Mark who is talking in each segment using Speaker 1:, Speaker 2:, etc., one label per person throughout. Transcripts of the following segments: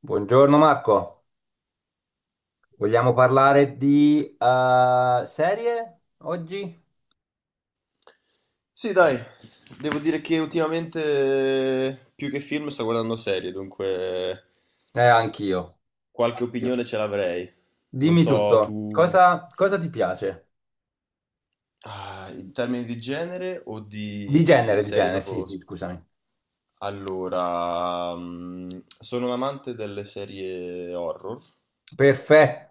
Speaker 1: Buongiorno Marco, vogliamo parlare di serie oggi?
Speaker 2: Sì, dai, devo dire che ultimamente più che film sto guardando serie, dunque
Speaker 1: Anch'io,
Speaker 2: qualche
Speaker 1: anch'io.
Speaker 2: opinione ce l'avrei. Non
Speaker 1: Dimmi
Speaker 2: so,
Speaker 1: tutto,
Speaker 2: tu
Speaker 1: cosa ti piace?
Speaker 2: ah, in termini di genere o di
Speaker 1: Di
Speaker 2: serie
Speaker 1: genere, sì,
Speaker 2: proprio.
Speaker 1: sì, scusami.
Speaker 2: Allora, sono un amante delle serie horror,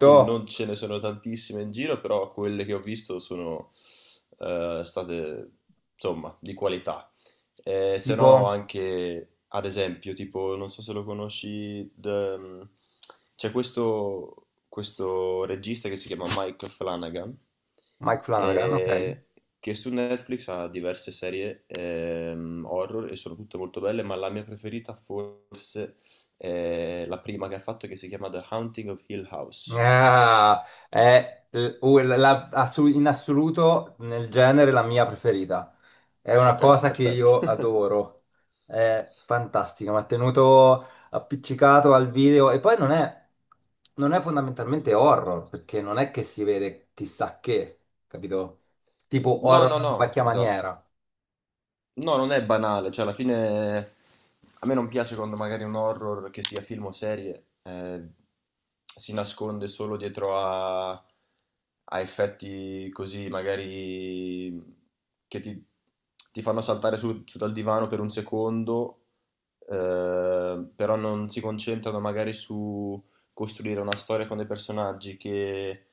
Speaker 2: che non ce ne sono tantissime in giro, però quelle che ho visto sono state, insomma, di qualità. Se
Speaker 1: tipo
Speaker 2: no anche, ad esempio, tipo, non so se lo conosci, c'è questo regista che si chiama Mike Flanagan,
Speaker 1: Mike Flanagan, ok.
Speaker 2: eh, che su Netflix ha diverse serie horror e sono tutte molto belle, ma la mia preferita forse è la prima che ha fatto che si chiama The Haunting of Hill House.
Speaker 1: Ah, è in assoluto nel genere la mia preferita. È una
Speaker 2: Ok,
Speaker 1: cosa che
Speaker 2: perfetto.
Speaker 1: io adoro. È fantastica, mi ha tenuto appiccicato al video e poi non è, non è fondamentalmente horror, perché non è che si vede chissà che, capito? Tipo
Speaker 2: No,
Speaker 1: horror
Speaker 2: no, no,
Speaker 1: alla vecchia
Speaker 2: esatto.
Speaker 1: maniera,
Speaker 2: No, non è banale, cioè alla fine a me non piace quando magari un horror, che sia film o serie, si nasconde solo dietro a effetti così, magari che ti fanno saltare su dal divano per un secondo, però non si concentrano magari su costruire una storia con dei personaggi che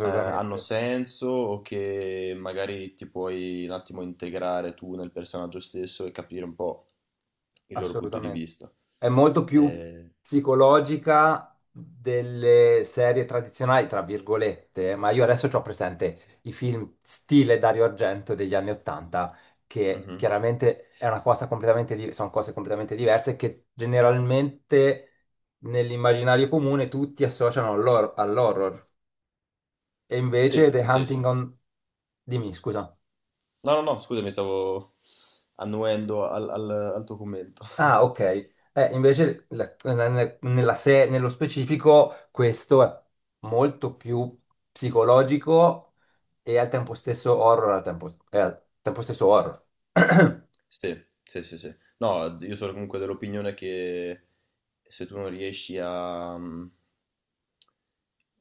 Speaker 2: hanno senso o che magari ti puoi un attimo integrare tu nel personaggio stesso e capire un po' il loro punto di
Speaker 1: Assolutamente.
Speaker 2: vista.
Speaker 1: È molto più
Speaker 2: Eh,
Speaker 1: psicologica delle serie tradizionali, tra virgolette, ma io adesso ho presente i film stile Dario Argento degli anni Ottanta, che
Speaker 2: mhm.
Speaker 1: chiaramente è una cosa sono cose completamente diverse che generalmente nell'immaginario comune tutti associano all'horror. E invece
Speaker 2: Sì,
Speaker 1: The
Speaker 2: sì, sì.
Speaker 1: Hunting on... Dimmi, scusa.
Speaker 2: No, no, no, scusami, stavo annuendo al tuo commento.
Speaker 1: Ah, ok. Invece la- nella- nella se- nello specifico questo è molto più psicologico e al tempo stesso horror, è al tempo stesso horror,
Speaker 2: Sì, sì, sì, sì. No, io sono comunque dell'opinione che se tu non riesci a,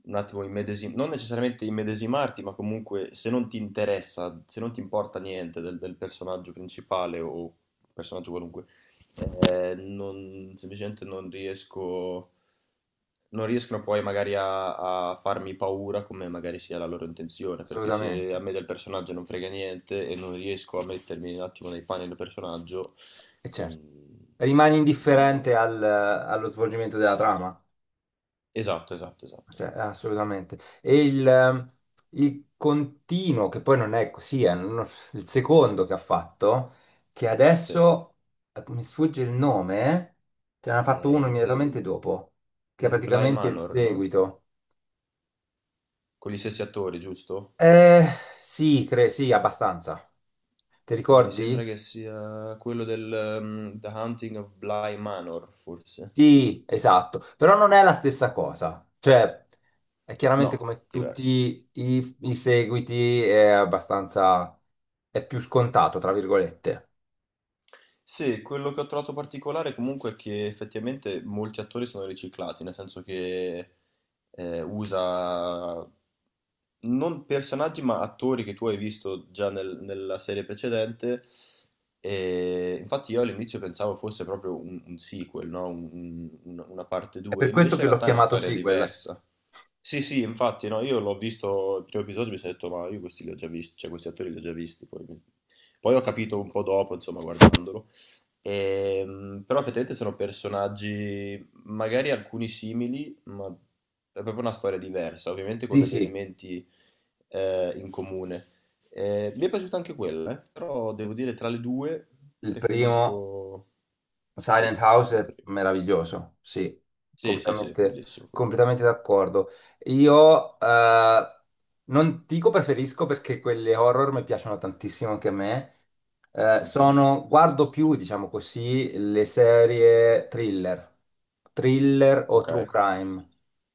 Speaker 2: un attimo non necessariamente immedesimarti, ma comunque se non ti interessa, se non ti importa niente del personaggio principale o personaggio qualunque, semplicemente non riesco, non riescono poi magari a farmi paura come magari sia la loro intenzione, perché se
Speaker 1: assolutamente.
Speaker 2: a me del personaggio non frega niente e non riesco a mettermi un attimo nei panni del personaggio,
Speaker 1: E certo,
Speaker 2: mm,
Speaker 1: rimani indifferente
Speaker 2: non.
Speaker 1: allo svolgimento della trama?
Speaker 2: Esatto, esatto, esatto.
Speaker 1: Cioè, assolutamente. E il continuo, che poi non è così, è un- il secondo che ha fatto, che
Speaker 2: Sì.
Speaker 1: adesso mi sfugge il nome, ce n'ha
Speaker 2: È
Speaker 1: fatto uno immediatamente dopo, che è
Speaker 2: Il Bly
Speaker 1: praticamente il
Speaker 2: Manor, no?
Speaker 1: seguito.
Speaker 2: Con gli stessi attori, giusto?
Speaker 1: Eh, sì, abbastanza. Ti
Speaker 2: Mi sembra
Speaker 1: ricordi?
Speaker 2: che sia quello del The Haunting of Bly Manor, forse.
Speaker 1: Sì, esatto, però non è la stessa cosa, cioè è
Speaker 2: No,
Speaker 1: chiaramente come
Speaker 2: diverso.
Speaker 1: tutti i seguiti è abbastanza, è più scontato, tra virgolette.
Speaker 2: Sì, quello che ho trovato particolare comunque è che effettivamente molti attori sono riciclati, nel senso che usa non personaggi ma attori che tu hai visto già nella serie precedente. E infatti io all'inizio pensavo fosse proprio un sequel, no? Una parte
Speaker 1: È
Speaker 2: 2,
Speaker 1: per questo
Speaker 2: invece
Speaker 1: che
Speaker 2: in
Speaker 1: l'ho
Speaker 2: realtà è una
Speaker 1: chiamato
Speaker 2: storia
Speaker 1: sequel.
Speaker 2: diversa. Sì, sì, infatti, no, io l'ho visto il primo episodio e mi sono detto, ma io questi li ho già visti, cioè questi attori li ho già visti, poi, poi ho capito un po' dopo, insomma, guardandolo. Però effettivamente sono personaggi, magari alcuni simili, ma è proprio una storia diversa, ovviamente con
Speaker 1: Sì,
Speaker 2: degli
Speaker 1: sì,
Speaker 2: elementi in comune. Mi è piaciuta anche quella. Però devo dire tra le due
Speaker 1: il primo
Speaker 2: preferisco. Sì,
Speaker 1: Silent House è
Speaker 2: pre-
Speaker 1: meraviglioso, sì,
Speaker 2: sì, sì, sì,
Speaker 1: completamente,
Speaker 2: bellissimo quello.
Speaker 1: completamente d'accordo. Io non dico preferisco perché quelle horror mi piacciono tantissimo anche a me.
Speaker 2: Mhm.
Speaker 1: Guardo più, diciamo così, le serie thriller, thriller o
Speaker 2: Ok,
Speaker 1: true crime.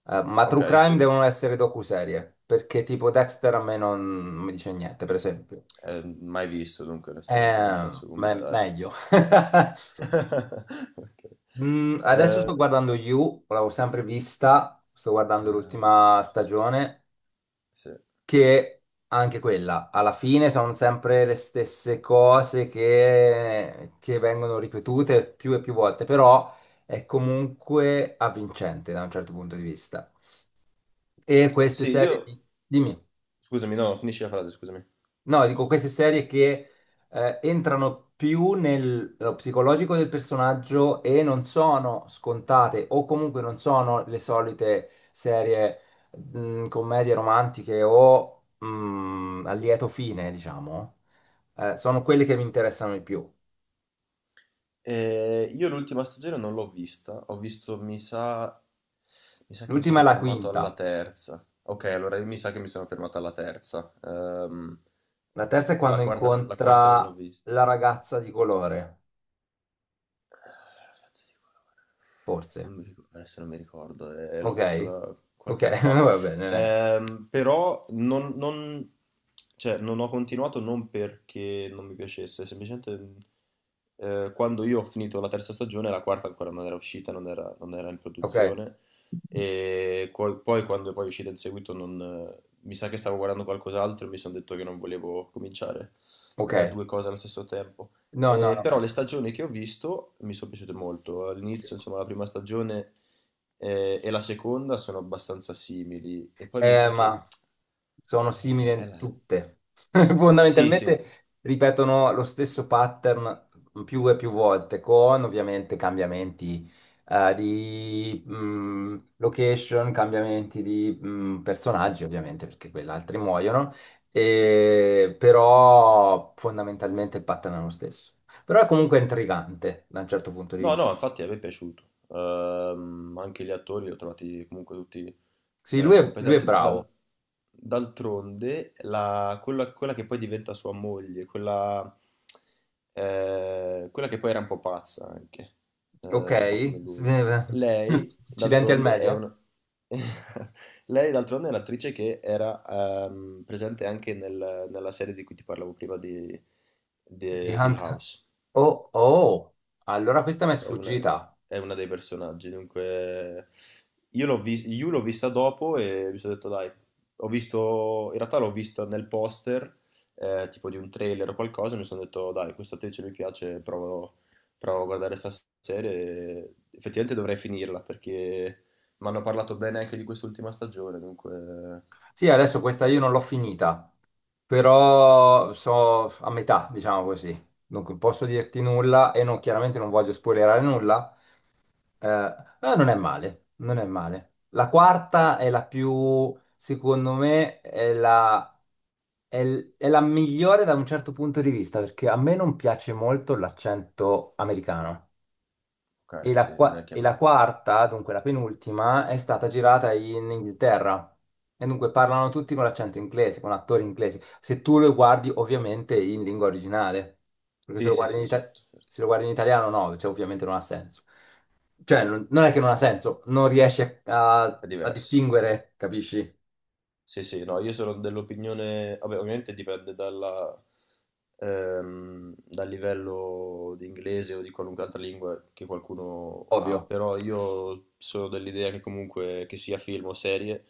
Speaker 1: Ma true
Speaker 2: ok,
Speaker 1: crime
Speaker 2: sì.
Speaker 1: devono essere docuserie, perché tipo Dexter a me non non mi dice niente, per esempio.
Speaker 2: Mai visto, dunque onestamente non posso commentare.
Speaker 1: Meglio.
Speaker 2: Ok.
Speaker 1: Adesso
Speaker 2: Eh,
Speaker 1: sto guardando You, l'avevo sempre vista, sto guardando
Speaker 2: ah,
Speaker 1: l'ultima stagione,
Speaker 2: sì.
Speaker 1: che anche quella, alla fine sono sempre le stesse cose che vengono ripetute più e più volte, però è comunque avvincente da un certo punto di vista. E queste
Speaker 2: Sì,
Speaker 1: serie
Speaker 2: io.
Speaker 1: di... Dimmi.
Speaker 2: Scusami, no, finisci la frase, scusami.
Speaker 1: No, dico queste serie che entrano più nello psicologico del personaggio e non sono scontate, o comunque non sono le solite serie commedie romantiche o a lieto fine, diciamo. Sono quelle che mi interessano di più.
Speaker 2: Io l'ultima stagione non l'ho vista, ho visto, mi sa. Mi sa che mi
Speaker 1: L'ultima è
Speaker 2: sono
Speaker 1: la
Speaker 2: fermato alla
Speaker 1: quinta,
Speaker 2: terza. Ok, allora mi sa che mi sono fermato alla terza. Ehm,
Speaker 1: la terza è
Speaker 2: la
Speaker 1: quando
Speaker 2: quarta, la quarta
Speaker 1: incontra
Speaker 2: non l'ho vista.
Speaker 1: la ragazza di colore,
Speaker 2: Cazzo di colore?
Speaker 1: forse.
Speaker 2: Non mi ricordo, adesso non mi ricordo, l'ho
Speaker 1: Ok?
Speaker 2: visto da
Speaker 1: Ok,
Speaker 2: qualche anno fa.
Speaker 1: va bene, eh.
Speaker 2: Però cioè, non ho continuato non perché non mi piacesse, semplicemente quando io ho finito la terza stagione, la quarta ancora non era uscita, non era in
Speaker 1: Ok,
Speaker 2: produzione. E poi, quando poi è uscita in seguito, non, mi sa che stavo guardando qualcos'altro e mi sono detto che non volevo cominciare
Speaker 1: ok.
Speaker 2: due cose allo stesso tempo.
Speaker 1: No, no, no,
Speaker 2: Però le
Speaker 1: aspetta.
Speaker 2: stagioni che ho visto mi sono piaciute molto. All'inizio, insomma, la prima stagione e la seconda sono abbastanza simili. E poi mi sa che.
Speaker 1: Ma sono simili
Speaker 2: eh, è
Speaker 1: in
Speaker 2: la-
Speaker 1: tutte.
Speaker 2: Sì, sì,
Speaker 1: Fondamentalmente ripetono lo stesso pattern più e più volte, con ovviamente cambiamenti di location, cambiamenti di personaggi, ovviamente, perché quelli altri muoiono, e, però fondamentalmente il pattern è lo stesso. Però è comunque intrigante da un certo punto di
Speaker 2: no,
Speaker 1: vista.
Speaker 2: no, infatti a me è piaciuto. Anche gli attori li ho trovati comunque tutti
Speaker 1: Sì, lui è
Speaker 2: competenti. Dal-
Speaker 1: bravo,
Speaker 2: d'altronde, quella che poi diventa sua moglie, quella che poi era un po' pazza anche,
Speaker 1: ok?
Speaker 2: un po' come lui. Lei,
Speaker 1: Accidenti al
Speaker 2: d'altronde, è
Speaker 1: meglio?
Speaker 2: una. Lei, d'altronde, è un'attrice che era presente anche nella serie di cui ti parlavo prima di
Speaker 1: Di
Speaker 2: Hill
Speaker 1: Hunt.
Speaker 2: House.
Speaker 1: Oh, oh, allora questa mi è
Speaker 2: È una,
Speaker 1: sfuggita.
Speaker 2: è una dei personaggi, dunque io Yu l'ho vista dopo e mi sono detto dai, ho visto, in realtà l'ho vista nel poster, tipo di un trailer o qualcosa, e mi sono detto dai, questa attrice mi piace, provo a guardare questa serie e effettivamente dovrei finirla perché mi hanno parlato bene anche di quest'ultima stagione, dunque
Speaker 1: Sì, adesso questa io non l'ho finita, però so a metà, diciamo così. Dunque, posso dirti nulla e non, chiaramente non voglio spoilerare nulla. Non è male, non è male. La quarta è la più, secondo me, è la migliore da un certo punto di vista, perché a me non piace molto l'accento americano.
Speaker 2: ok, sì, non è che a
Speaker 1: E la
Speaker 2: me.
Speaker 1: quarta, dunque la penultima, è stata girata in Inghilterra. E dunque parlano tutti con l'accento inglese, con attori inglesi. Se tu lo guardi ovviamente in lingua originale, perché se
Speaker 2: Sì,
Speaker 1: lo
Speaker 2: sì,
Speaker 1: guardi in,
Speaker 2: sì,
Speaker 1: ita-
Speaker 2: certo,
Speaker 1: se
Speaker 2: certo,
Speaker 1: lo guardi in italiano no, cioè, ovviamente non ha senso. Cioè non è che non ha senso, non riesci
Speaker 2: è
Speaker 1: a
Speaker 2: diverso.
Speaker 1: distinguere, capisci?
Speaker 2: Sì, sì, no, io sono dell'opinione, vabbè, ovviamente dipende dal livello di inglese o di qualunque altra lingua che qualcuno ha,
Speaker 1: Ovvio,
Speaker 2: però io sono dell'idea che comunque che sia film o serie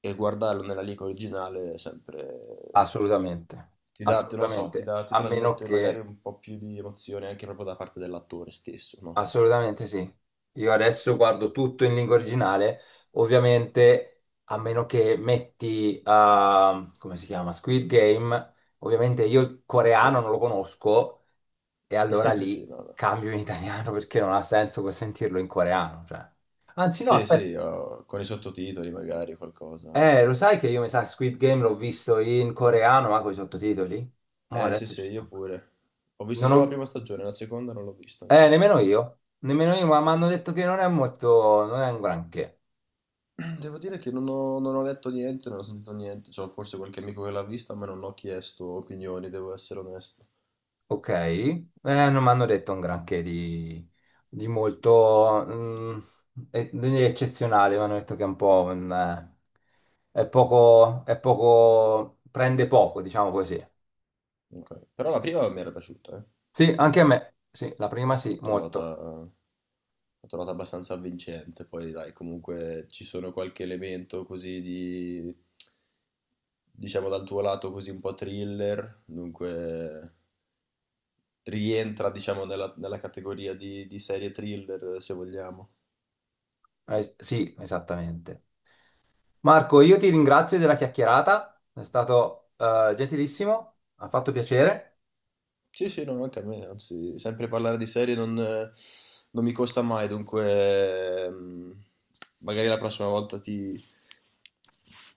Speaker 2: e guardarlo nella lingua originale è sempre
Speaker 1: assolutamente,
Speaker 2: ti dà, non lo so,
Speaker 1: assolutamente,
Speaker 2: ti
Speaker 1: a meno
Speaker 2: trasmette magari
Speaker 1: che...
Speaker 2: un po' più di emozione anche proprio da parte dell'attore stesso, no?
Speaker 1: Assolutamente sì. Io adesso guardo tutto in lingua originale, ovviamente a meno che metti, ah, come si chiama? Squid Game, ovviamente io il
Speaker 2: Sì,
Speaker 1: coreano non lo conosco e allora
Speaker 2: sì,
Speaker 1: lì
Speaker 2: no, no.
Speaker 1: cambio in italiano perché non ha senso sentirlo in coreano. Cioè. Anzi no,
Speaker 2: Sì,
Speaker 1: aspetta,
Speaker 2: sì, oh, con i sottotitoli magari o qualcosa.
Speaker 1: lo sai che io mi sa Squid Game l'ho visto in coreano ma con i sottotitoli? Mo
Speaker 2: Eh sì,
Speaker 1: adesso
Speaker 2: sì,
Speaker 1: ci
Speaker 2: io
Speaker 1: sto.
Speaker 2: pure. Ho visto
Speaker 1: Non
Speaker 2: solo la
Speaker 1: ho...
Speaker 2: prima stagione, la seconda non l'ho vista ancora.
Speaker 1: Nemmeno io, ma mi hanno detto che non è molto, non è un granché.
Speaker 2: Devo dire che non ho letto niente, non ho sentito niente. C'ho forse qualche amico che l'ha vista, ma non ho chiesto opinioni, devo essere onesto.
Speaker 1: Ok, non mi hanno detto un granché di molto di eccezionale, mi hanno detto che è un po' un, è poco, prende poco, diciamo così.
Speaker 2: Ok. Però la prima mi era piaciuta,
Speaker 1: Sì,
Speaker 2: devo
Speaker 1: anche a
Speaker 2: dire.
Speaker 1: me, sì, la prima sì,
Speaker 2: L'ho trovata,
Speaker 1: molto.
Speaker 2: l'ho trovata abbastanza avvincente. Poi, dai, comunque ci sono qualche elemento così diciamo, dal tuo lato così un po' thriller. Dunque. Rientra, diciamo, nella categoria di serie thriller, se vogliamo.
Speaker 1: Sì, esattamente. Marco, io ti ringrazio della chiacchierata, è stato gentilissimo, ha fatto piacere,
Speaker 2: Sì, sì, no, anche a me, anzi, sempre parlare di serie non mi costa mai, dunque magari la prossima volta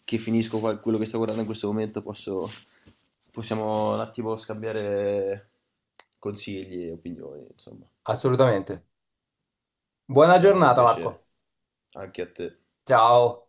Speaker 2: che finisco quello che sto guardando in questo momento possiamo un attimo scambiare consigli e opinioni, insomma.
Speaker 1: assolutamente. Buona
Speaker 2: Dai, è stato un
Speaker 1: giornata,
Speaker 2: piacere,
Speaker 1: Marco.
Speaker 2: anche a te.
Speaker 1: Ciao.